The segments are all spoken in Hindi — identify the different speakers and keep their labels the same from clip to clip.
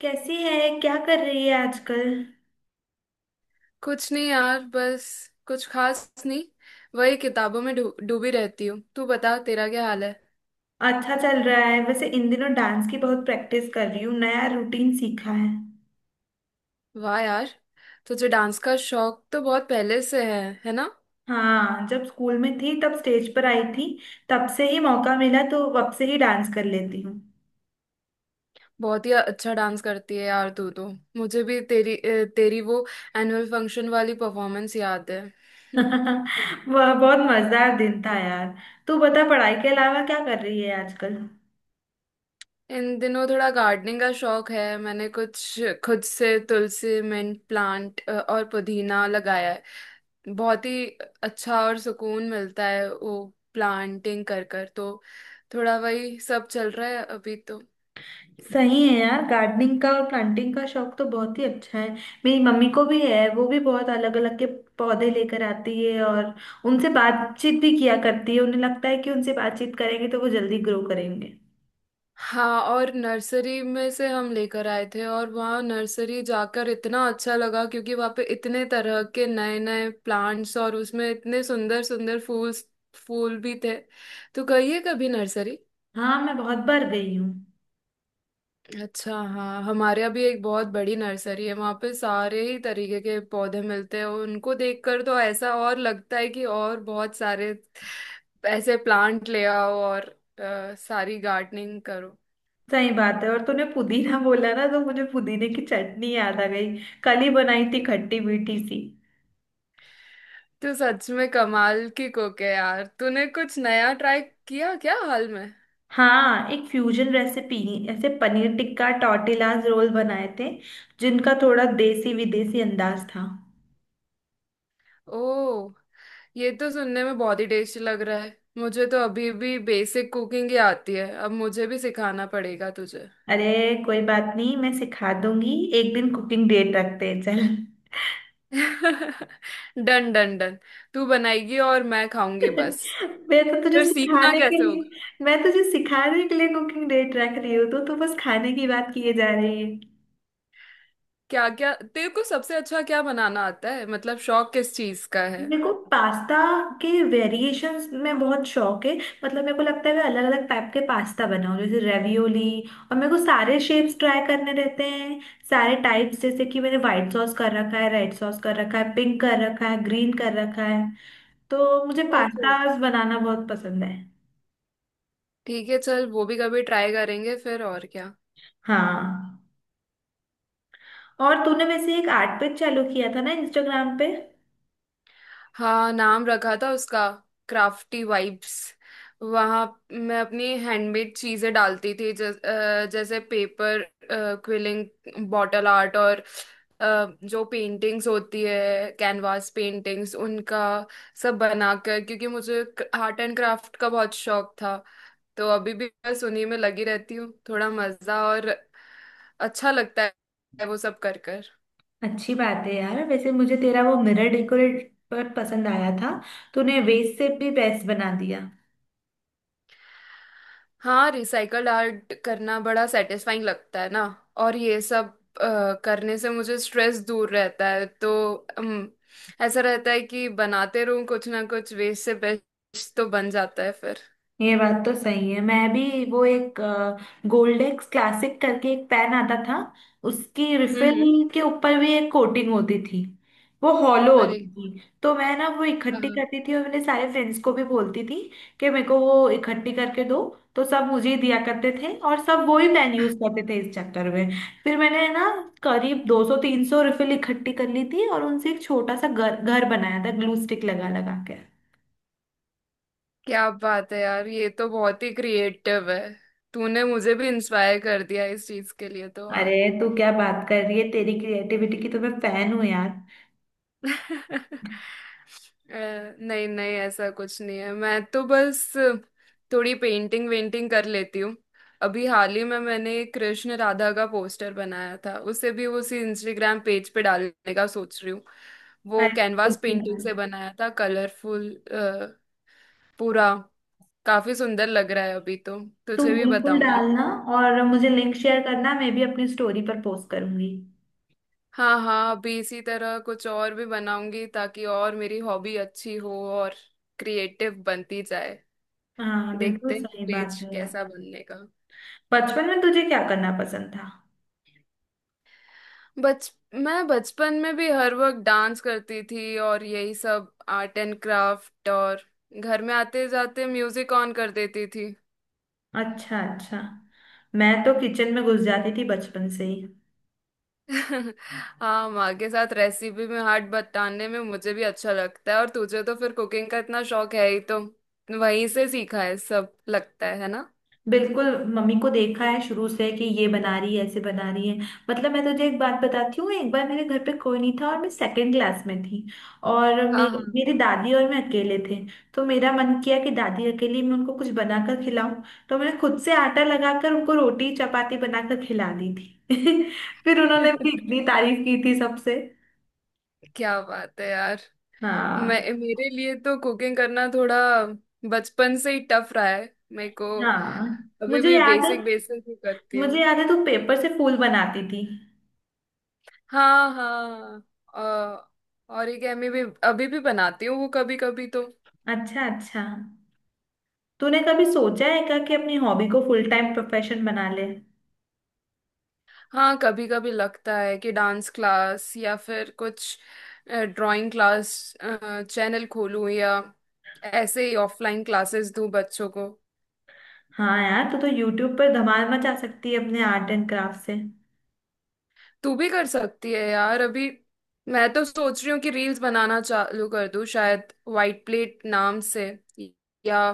Speaker 1: कैसी है, क्या कर रही है आजकल।
Speaker 2: कुछ नहीं यार, बस कुछ खास नहीं। वही किताबों में डूबी रहती हूँ। तू बता, तेरा क्या हाल है।
Speaker 1: अच्छा चल रहा है। वैसे इन दिनों डांस की बहुत प्रैक्टिस कर रही हूँ, नया रूटीन सीखा है।
Speaker 2: वाह यार, तुझे डांस का शौक तो बहुत पहले से है ना।
Speaker 1: हाँ, जब स्कूल में थी तब स्टेज पर आई थी। तब से ही मौका मिला तो अब से ही डांस कर लेती हूँ।
Speaker 2: बहुत ही अच्छा डांस करती है यार तू तो। मुझे भी तेरी तेरी वो एनुअल फंक्शन वाली परफॉर्मेंस याद है।
Speaker 1: वह बहुत मजेदार दिन था यार। तू बता, पढ़ाई के अलावा क्या कर रही है आजकल।
Speaker 2: इन दिनों थोड़ा गार्डनिंग का शौक है। मैंने कुछ खुद से तुलसी, मिंट प्लांट और पुदीना लगाया है। बहुत ही अच्छा और सुकून मिलता है वो प्लांटिंग कर कर तो। थोड़ा वही सब चल रहा है अभी तो।
Speaker 1: सही है यार, गार्डनिंग का और प्लांटिंग का शौक तो बहुत ही अच्छा है। मेरी मम्मी को भी है, वो भी बहुत अलग अलग के पौधे लेकर आती है और उनसे बातचीत भी किया करती है। उन्हें लगता है कि उनसे बातचीत करेंगे तो वो जल्दी ग्रो करेंगे।
Speaker 2: हाँ, और नर्सरी में से हम लेकर आए थे, और वहाँ नर्सरी जाकर इतना अच्छा लगा क्योंकि वहाँ पे इतने तरह के नए नए प्लांट्स और उसमें इतने सुंदर सुंदर फूल फूल भी थे। तो गई है कभी नर्सरी?
Speaker 1: हाँ, मैं बहुत बार गई हूँ।
Speaker 2: अच्छा। हाँ, हमारे यहाँ भी एक बहुत बड़ी नर्सरी है, वहाँ पे सारे ही तरीके के पौधे मिलते हैं। उनको देखकर तो ऐसा और लगता है कि और बहुत सारे ऐसे प्लांट ले आओ और सारी गार्डनिंग करो।
Speaker 1: सही बात है। और तूने पुदीना बोला ना तो मुझे पुदीने की चटनी याद आ गई। कल ही बनाई थी, खट्टी मीठी सी।
Speaker 2: तो सच में कमाल की कुक है यार। तूने कुछ नया ट्राई किया क्या हाल में?
Speaker 1: हाँ, एक फ्यूजन रेसिपी, ऐसे पनीर टिक्का टॉर्टिलाज रोल बनाए थे जिनका थोड़ा देसी विदेशी अंदाज था।
Speaker 2: ओ, ये तो सुनने में बहुत ही टेस्टी लग रहा है। मुझे तो अभी भी बेसिक कुकिंग ही आती है, अब मुझे भी सिखाना पड़ेगा तुझे।
Speaker 1: अरे कोई बात नहीं, मैं सिखा दूंगी। एक दिन कुकिंग डेट रखते हैं चल।
Speaker 2: Done done done. तू बनाएगी और मैं खाऊंगी बस।
Speaker 1: मैं तो तुझे
Speaker 2: फिर सीखना
Speaker 1: सिखाने के
Speaker 2: कैसे होगा?
Speaker 1: लिए मैं तुझे सिखाने के लिए कुकिंग डेट रख रही हूँ तो तू बस खाने की बात किए जा रही है।
Speaker 2: क्या क्या तेरे को सबसे अच्छा क्या बनाना आता है, मतलब शौक किस चीज का है?
Speaker 1: मेरे को पास्ता के वेरिएशंस में बहुत शौक है। मतलब मेरे को लगता है मैं अलग अलग टाइप के पास्ता बनाऊं जैसे रेवियोली। और मेरे को सारे शेप्स ट्राई करने रहते हैं, सारे टाइप्स। जैसे कि मैंने व्हाइट सॉस कर रखा है, रेड सॉस कर रखा है, पिंक कर रखा है, ग्रीन कर रखा है। तो मुझे
Speaker 2: ओके,
Speaker 1: पास्ताज बनाना बहुत पसंद है।
Speaker 2: ठीक है चल, वो भी कभी ट्राई करेंगे फिर। और क्या?
Speaker 1: हाँ, और तूने वैसे एक आर्ट पेज चालू किया था ना इंस्टाग्राम पे।
Speaker 2: हाँ, नाम रखा था उसका क्राफ्टी वाइब्स। वहाँ मैं अपनी हैंडमेड चीजें डालती थी, जैसे पेपर क्विलिंग, बॉटल आर्ट और अ, जो पेंटिंग्स होती है कैनवास पेंटिंग्स, उनका सब बनाकर, क्योंकि मुझे आर्ट एंड क्राफ्ट का बहुत शौक था। तो अभी भी बस उन्हीं में लगी रहती हूँ। थोड़ा मजा और अच्छा लगता है वो सब कर।
Speaker 1: अच्छी बात है यार। वैसे मुझे तेरा वो मिरर डेकोरेट पर पसंद आया था, तूने वेस्ट से भी बेस्ट बना दिया।
Speaker 2: हाँ, रिसाइकल्ड आर्ट करना बड़ा सेटिस्फाइंग लगता है ना। और ये सब करने से मुझे स्ट्रेस दूर रहता है, तो ऐसा रहता है कि बनाते रहूं कुछ ना कुछ, वेस्ट से बेस्ट तो बन जाता है फिर।
Speaker 1: ये बात तो सही है। मैं भी वो एक गोल्डेक्स क्लासिक करके एक पेन आता था, उसकी
Speaker 2: हम्म।
Speaker 1: रिफिल के ऊपर भी एक कोटिंग होती थी। वो हॉलो
Speaker 2: अरे,
Speaker 1: होती थी, तो मैं ना वो इकट्ठी
Speaker 2: हाँ।
Speaker 1: करती थी और मेरे सारे फ्रेंड्स को भी बोलती थी कि मेरे को वो इकट्ठी करके दो। तो सब मुझे ही दिया करते थे और सब वो ही पेन यूज करते थे इस चक्कर में। फिर मैंने ना करीब 200-300 रिफिल इकट्ठी कर ली थी और उनसे एक छोटा सा घर घर बनाया था, ग्लू स्टिक लगा लगा के।
Speaker 2: क्या बात है यार, ये तो बहुत ही क्रिएटिव है। तूने मुझे भी इंस्पायर कर दिया इस चीज के लिए तो।
Speaker 1: अरे तू क्या बात कर रही है, तेरी क्रिएटिविटी की तो मैं फैन हूँ यार।
Speaker 2: अ, नहीं नहीं, ऐसा कुछ नहीं है, मैं तो बस थोड़ी पेंटिंग वेंटिंग कर लेती हूँ। अभी हाल ही में मैंने एक कृष्ण राधा का पोस्टर बनाया था, उसे भी उसी इंस्टाग्राम पेज पे डालने का सोच रही हूँ। वो
Speaker 1: अरे
Speaker 2: कैनवास
Speaker 1: बिल्कुल
Speaker 2: पेंटिंग
Speaker 1: डाल।
Speaker 2: से बनाया था, कलरफुल। पूरा काफी सुंदर लग रहा है अभी तो।
Speaker 1: तू
Speaker 2: तुझे भी
Speaker 1: बिल्कुल
Speaker 2: बताऊंगी।
Speaker 1: डालना और मुझे लिंक शेयर करना, मैं भी अपनी स्टोरी पर पोस्ट करूंगी।
Speaker 2: हाँ हाँ, अभी इसी तरह कुछ और भी बनाऊंगी ताकि और मेरी हॉबी अच्छी हो और क्रिएटिव बनती जाए।
Speaker 1: हाँ बिल्कुल,
Speaker 2: देखते हैं
Speaker 1: सही बात
Speaker 2: पेज
Speaker 1: है यार।
Speaker 2: कैसा बनने का।
Speaker 1: बचपन में तुझे क्या करना पसंद था।
Speaker 2: बच मैं बचपन में भी हर वक्त डांस करती थी और यही सब आर्ट एंड क्राफ्ट, और घर में आते जाते म्यूजिक ऑन कर देती थी।
Speaker 1: अच्छा अच्छा। मैं तो किचन में घुस जाती थी बचपन से ही।
Speaker 2: हाँ, माँ के साथ रेसिपी में हाथ बटाने में मुझे भी अच्छा लगता है, और तुझे तो फिर कुकिंग का इतना शौक है ही, तो वहीं से सीखा है सब लगता है ना।
Speaker 1: बिल्कुल। मम्मी को देखा है शुरू से कि ये बना रही है, ऐसे बना रही है। मतलब मैं तुझे एक बात बताती हूँ, एक बार मेरे घर पे कोई नहीं था और मैं सेकंड क्लास में थी। और
Speaker 2: हाँ हाँ।
Speaker 1: मेरी दादी और मैं अकेले थे। तो मेरा मन किया कि दादी अकेली, मैं उनको कुछ बनाकर खिलाऊं। तो मैंने खुद से आटा लगाकर उनको रोटी चपाती बनाकर खिला दी थी। फिर उन्होंने मेरी इतनी तारीफ की थी सबसे।
Speaker 2: क्या बात है यार। मैं
Speaker 1: हाँ
Speaker 2: मेरे लिए तो कुकिंग करना थोड़ा बचपन से ही टफ रहा है मेरे को।
Speaker 1: हाँ,
Speaker 2: अभी
Speaker 1: मुझे
Speaker 2: भी
Speaker 1: याद है।
Speaker 2: बेसिक बेसिक ही करती हूँ।
Speaker 1: मुझे याद है तू पेपर से फूल बनाती थी।
Speaker 2: हाँ हाँ। ओरिगेमी भी अभी भी बनाती हूँ वो कभी कभी तो।
Speaker 1: अच्छा अच्छा। तूने कभी सोचा है क्या कि अपनी हॉबी को फुल टाइम प्रोफेशन बना ले।
Speaker 2: हाँ, कभी कभी लगता है कि डांस क्लास या फिर कुछ ड्राइंग क्लास चैनल खोलूँ, या ऐसे ही ऑफलाइन क्लासेस दूँ बच्चों को।
Speaker 1: हाँ यार, तू तो यूट्यूब पर धमाल मचा सकती है अपने आर्ट एंड क्राफ्ट से।
Speaker 2: तू भी कर सकती है यार। अभी मैं तो सोच रही हूँ कि रील्स बनाना चालू कर दूँ, शायद वाइट प्लेट नाम से, या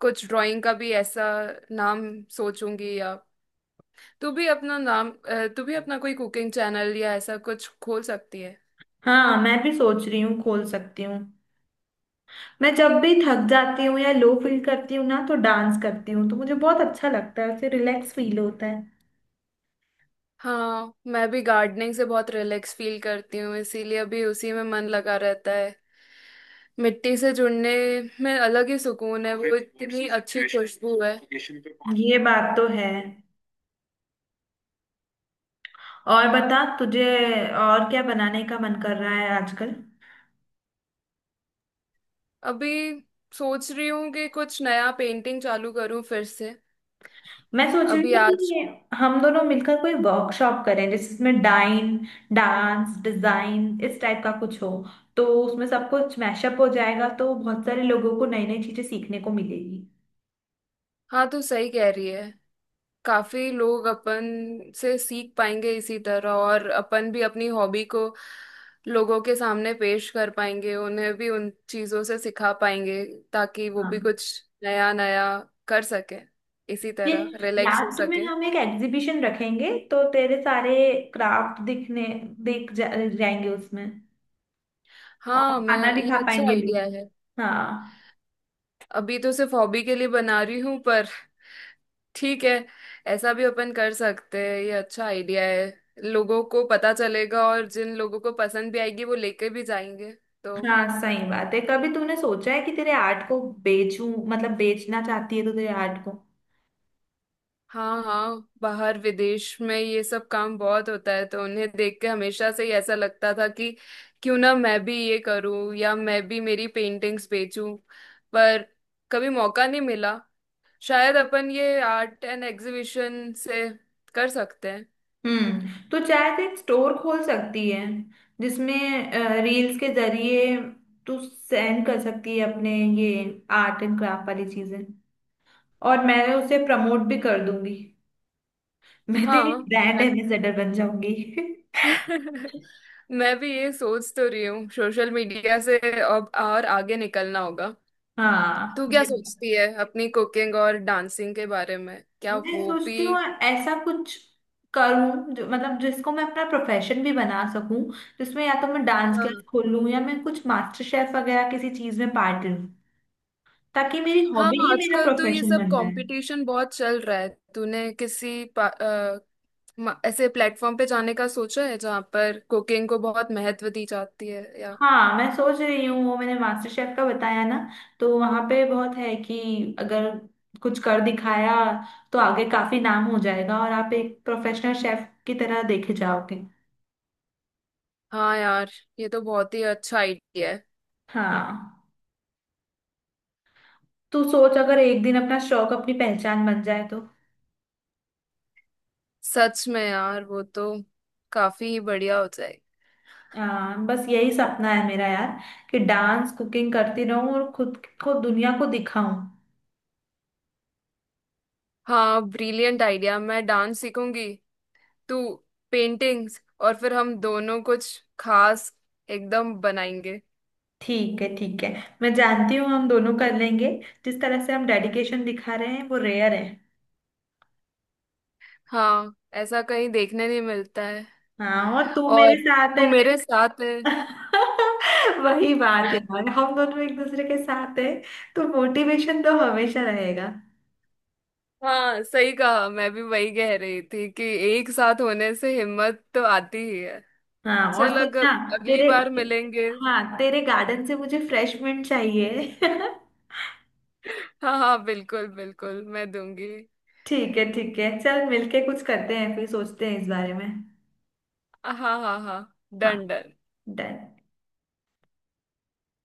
Speaker 2: कुछ ड्राइंग का भी ऐसा नाम सोचूंगी। या तू भी अपना तू भी अपना कोई कुकिंग चैनल या ऐसा कुछ खोल सकती है।
Speaker 1: हाँ, मैं भी सोच रही हूँ खोल सकती हूँ। मैं जब भी थक जाती हूँ या लो फील करती हूँ ना तो डांस करती हूँ, तो मुझे बहुत अच्छा लगता है, फिर रिलैक्स फील होता है।
Speaker 2: हाँ, मैं भी गार्डनिंग से बहुत रिलैक्स फील करती हूँ, इसीलिए अभी उसी में मन लगा रहता है। मिट्टी से जुड़ने में अलग ही सुकून है, वो इतनी अच्छी खुशबू है।
Speaker 1: ये बात तो है। और बता तुझे और क्या बनाने का मन कर रहा है आजकल।
Speaker 2: अभी सोच रही हूँ कि कुछ नया पेंटिंग चालू करूँ फिर से।
Speaker 1: मैं सोच रही
Speaker 2: अभी
Speaker 1: हूँ
Speaker 2: आज।
Speaker 1: कि हम दोनों मिलकर कोई वर्कशॉप करें जिसमें डाइन डांस डिजाइन इस टाइप का कुछ हो। तो उसमें सब कुछ मैशअप हो जाएगा, तो बहुत सारे लोगों को नई नई चीजें सीखने को मिलेगी।
Speaker 2: हाँ, तो सही कह रही है। काफी लोग अपन से सीख पाएंगे इसी तरह, और अपन भी अपनी हॉबी को लोगों के सामने पेश कर पाएंगे, उन्हें भी उन चीजों से सिखा पाएंगे ताकि वो भी
Speaker 1: हाँ
Speaker 2: कुछ नया नया कर सके, इसी
Speaker 1: ये,
Speaker 2: तरह रिलैक्स हो
Speaker 1: लास्ट में
Speaker 2: सके।
Speaker 1: हम एक एग्जीबिशन रखेंगे तो तेरे सारे क्राफ्ट दिख जाएंगे उसमें। और
Speaker 2: हाँ, मैं,
Speaker 1: खाना भी
Speaker 2: ये
Speaker 1: खा
Speaker 2: अच्छा
Speaker 1: पाएंगे
Speaker 2: आइडिया
Speaker 1: लोग।
Speaker 2: है।
Speaker 1: हाँ
Speaker 2: अभी तो सिर्फ हॉबी के लिए बना रही हूँ पर ठीक है, ऐसा भी अपन कर सकते हैं, ये अच्छा आइडिया है। लोगों को पता चलेगा और जिन लोगों को पसंद भी आएगी वो लेके भी जाएंगे तो।
Speaker 1: हाँ, सही बात है। कभी तूने सोचा है कि तेरे आर्ट को बेचूं, मतलब बेचना चाहती है तो तेरे आर्ट को।
Speaker 2: हाँ हाँ, बाहर विदेश में ये सब काम बहुत होता है, तो उन्हें देख के हमेशा से ही ऐसा लगता था कि क्यों ना मैं भी ये करूँ, या मैं भी मेरी पेंटिंग्स बेचूं। पर कभी मौका नहीं मिला। शायद अपन ये आर्ट एंड एग्जीबिशन से कर सकते हैं।
Speaker 1: हम्म, तो चाहे तो एक स्टोर खोल सकती है जिसमें रील्स के जरिए तू सेंड कर सकती है अपने ये आर्ट एंड क्राफ्ट वाली चीजें, और मैं उसे प्रमोट भी कर दूंगी। मैं तेरी
Speaker 2: हाँ,
Speaker 1: ब्रांड एम्बेसडर बन जाऊंगी।
Speaker 2: मैं भी ये सोच तो रही हूँ, सोशल मीडिया से अब और आगे निकलना होगा।
Speaker 1: हाँ
Speaker 2: तू क्या
Speaker 1: ये,
Speaker 2: सोचती है अपनी कुकिंग और डांसिंग के बारे में, क्या
Speaker 1: मैं
Speaker 2: वो भी?
Speaker 1: सोचती हूँ ऐसा कुछ करूँ जो मतलब जिसको मैं अपना प्रोफेशन भी बना सकूं, जिसमें या तो मैं डांस क्लास
Speaker 2: हाँ
Speaker 1: खोल लूँ या मैं कुछ मास्टर शेफ वगैरह किसी चीज में पार्ट लूँ। ताकि मेरी
Speaker 2: हाँ,
Speaker 1: हॉबी ही मेरा
Speaker 2: आजकल तो ये
Speaker 1: प्रोफेशन
Speaker 2: सब
Speaker 1: बन जाए।
Speaker 2: कंपटीशन बहुत चल रहा है। तूने किसी ऐसे प्लेटफॉर्म पे जाने का सोचा है जहाँ पर कुकिंग को बहुत महत्व दी जाती है या?
Speaker 1: हाँ मैं सोच रही हूँ, वो मैंने मास्टर शेफ का बताया ना, तो वहां पे बहुत है कि अगर कुछ कर दिखाया तो आगे काफी नाम हो जाएगा और आप एक प्रोफेशनल शेफ की तरह देखे जाओगे।
Speaker 2: हाँ यार, ये तो बहुत ही अच्छा आइडिया है।
Speaker 1: हाँ, तू सोच अगर एक दिन अपना शौक अपनी पहचान बन जाए तो।
Speaker 2: सच में यार, वो तो काफी बढ़िया हो।
Speaker 1: बस यही सपना है मेरा यार कि डांस कुकिंग करती रहूं और खुद को दुनिया को दिखाऊं।
Speaker 2: हाँ, ब्रिलियंट आइडिया। मैं डांस सीखूंगी, तू पेंटिंग्स, और फिर हम दोनों कुछ खास एकदम बनाएंगे।
Speaker 1: ठीक है ठीक है, मैं जानती हूँ हम दोनों कर लेंगे। जिस तरह से हम डेडिकेशन दिखा रहे हैं वो रेयर है।
Speaker 2: हाँ, ऐसा कहीं देखने नहीं मिलता है।
Speaker 1: हाँ और तू मेरे
Speaker 2: और
Speaker 1: साथ है।
Speaker 2: तू मेरे साथ है।
Speaker 1: वही बात है यार, हम दोनों एक दूसरे के साथ है, तो मोटिवेशन तो हमेशा रहेगा।
Speaker 2: हाँ सही कहा, मैं भी वही कह रही थी कि एक साथ होने से हिम्मत तो आती ही है।
Speaker 1: हाँ और
Speaker 2: चल, अगर
Speaker 1: सुनना,
Speaker 2: अगली
Speaker 1: तेरे,
Speaker 2: बार मिलेंगे।
Speaker 1: हाँ तेरे गार्डन से मुझे फ्रेश मिंट चाहिए।
Speaker 2: हाँ हाँ, बिल्कुल बिल्कुल, मैं दूंगी।
Speaker 1: ठीक है ठीक है, चल मिलके कुछ करते हैं फिर सोचते हैं इस बारे में।
Speaker 2: हाँ हाँ हाँ हाँ,
Speaker 1: हाँ
Speaker 2: डन डन।
Speaker 1: डन।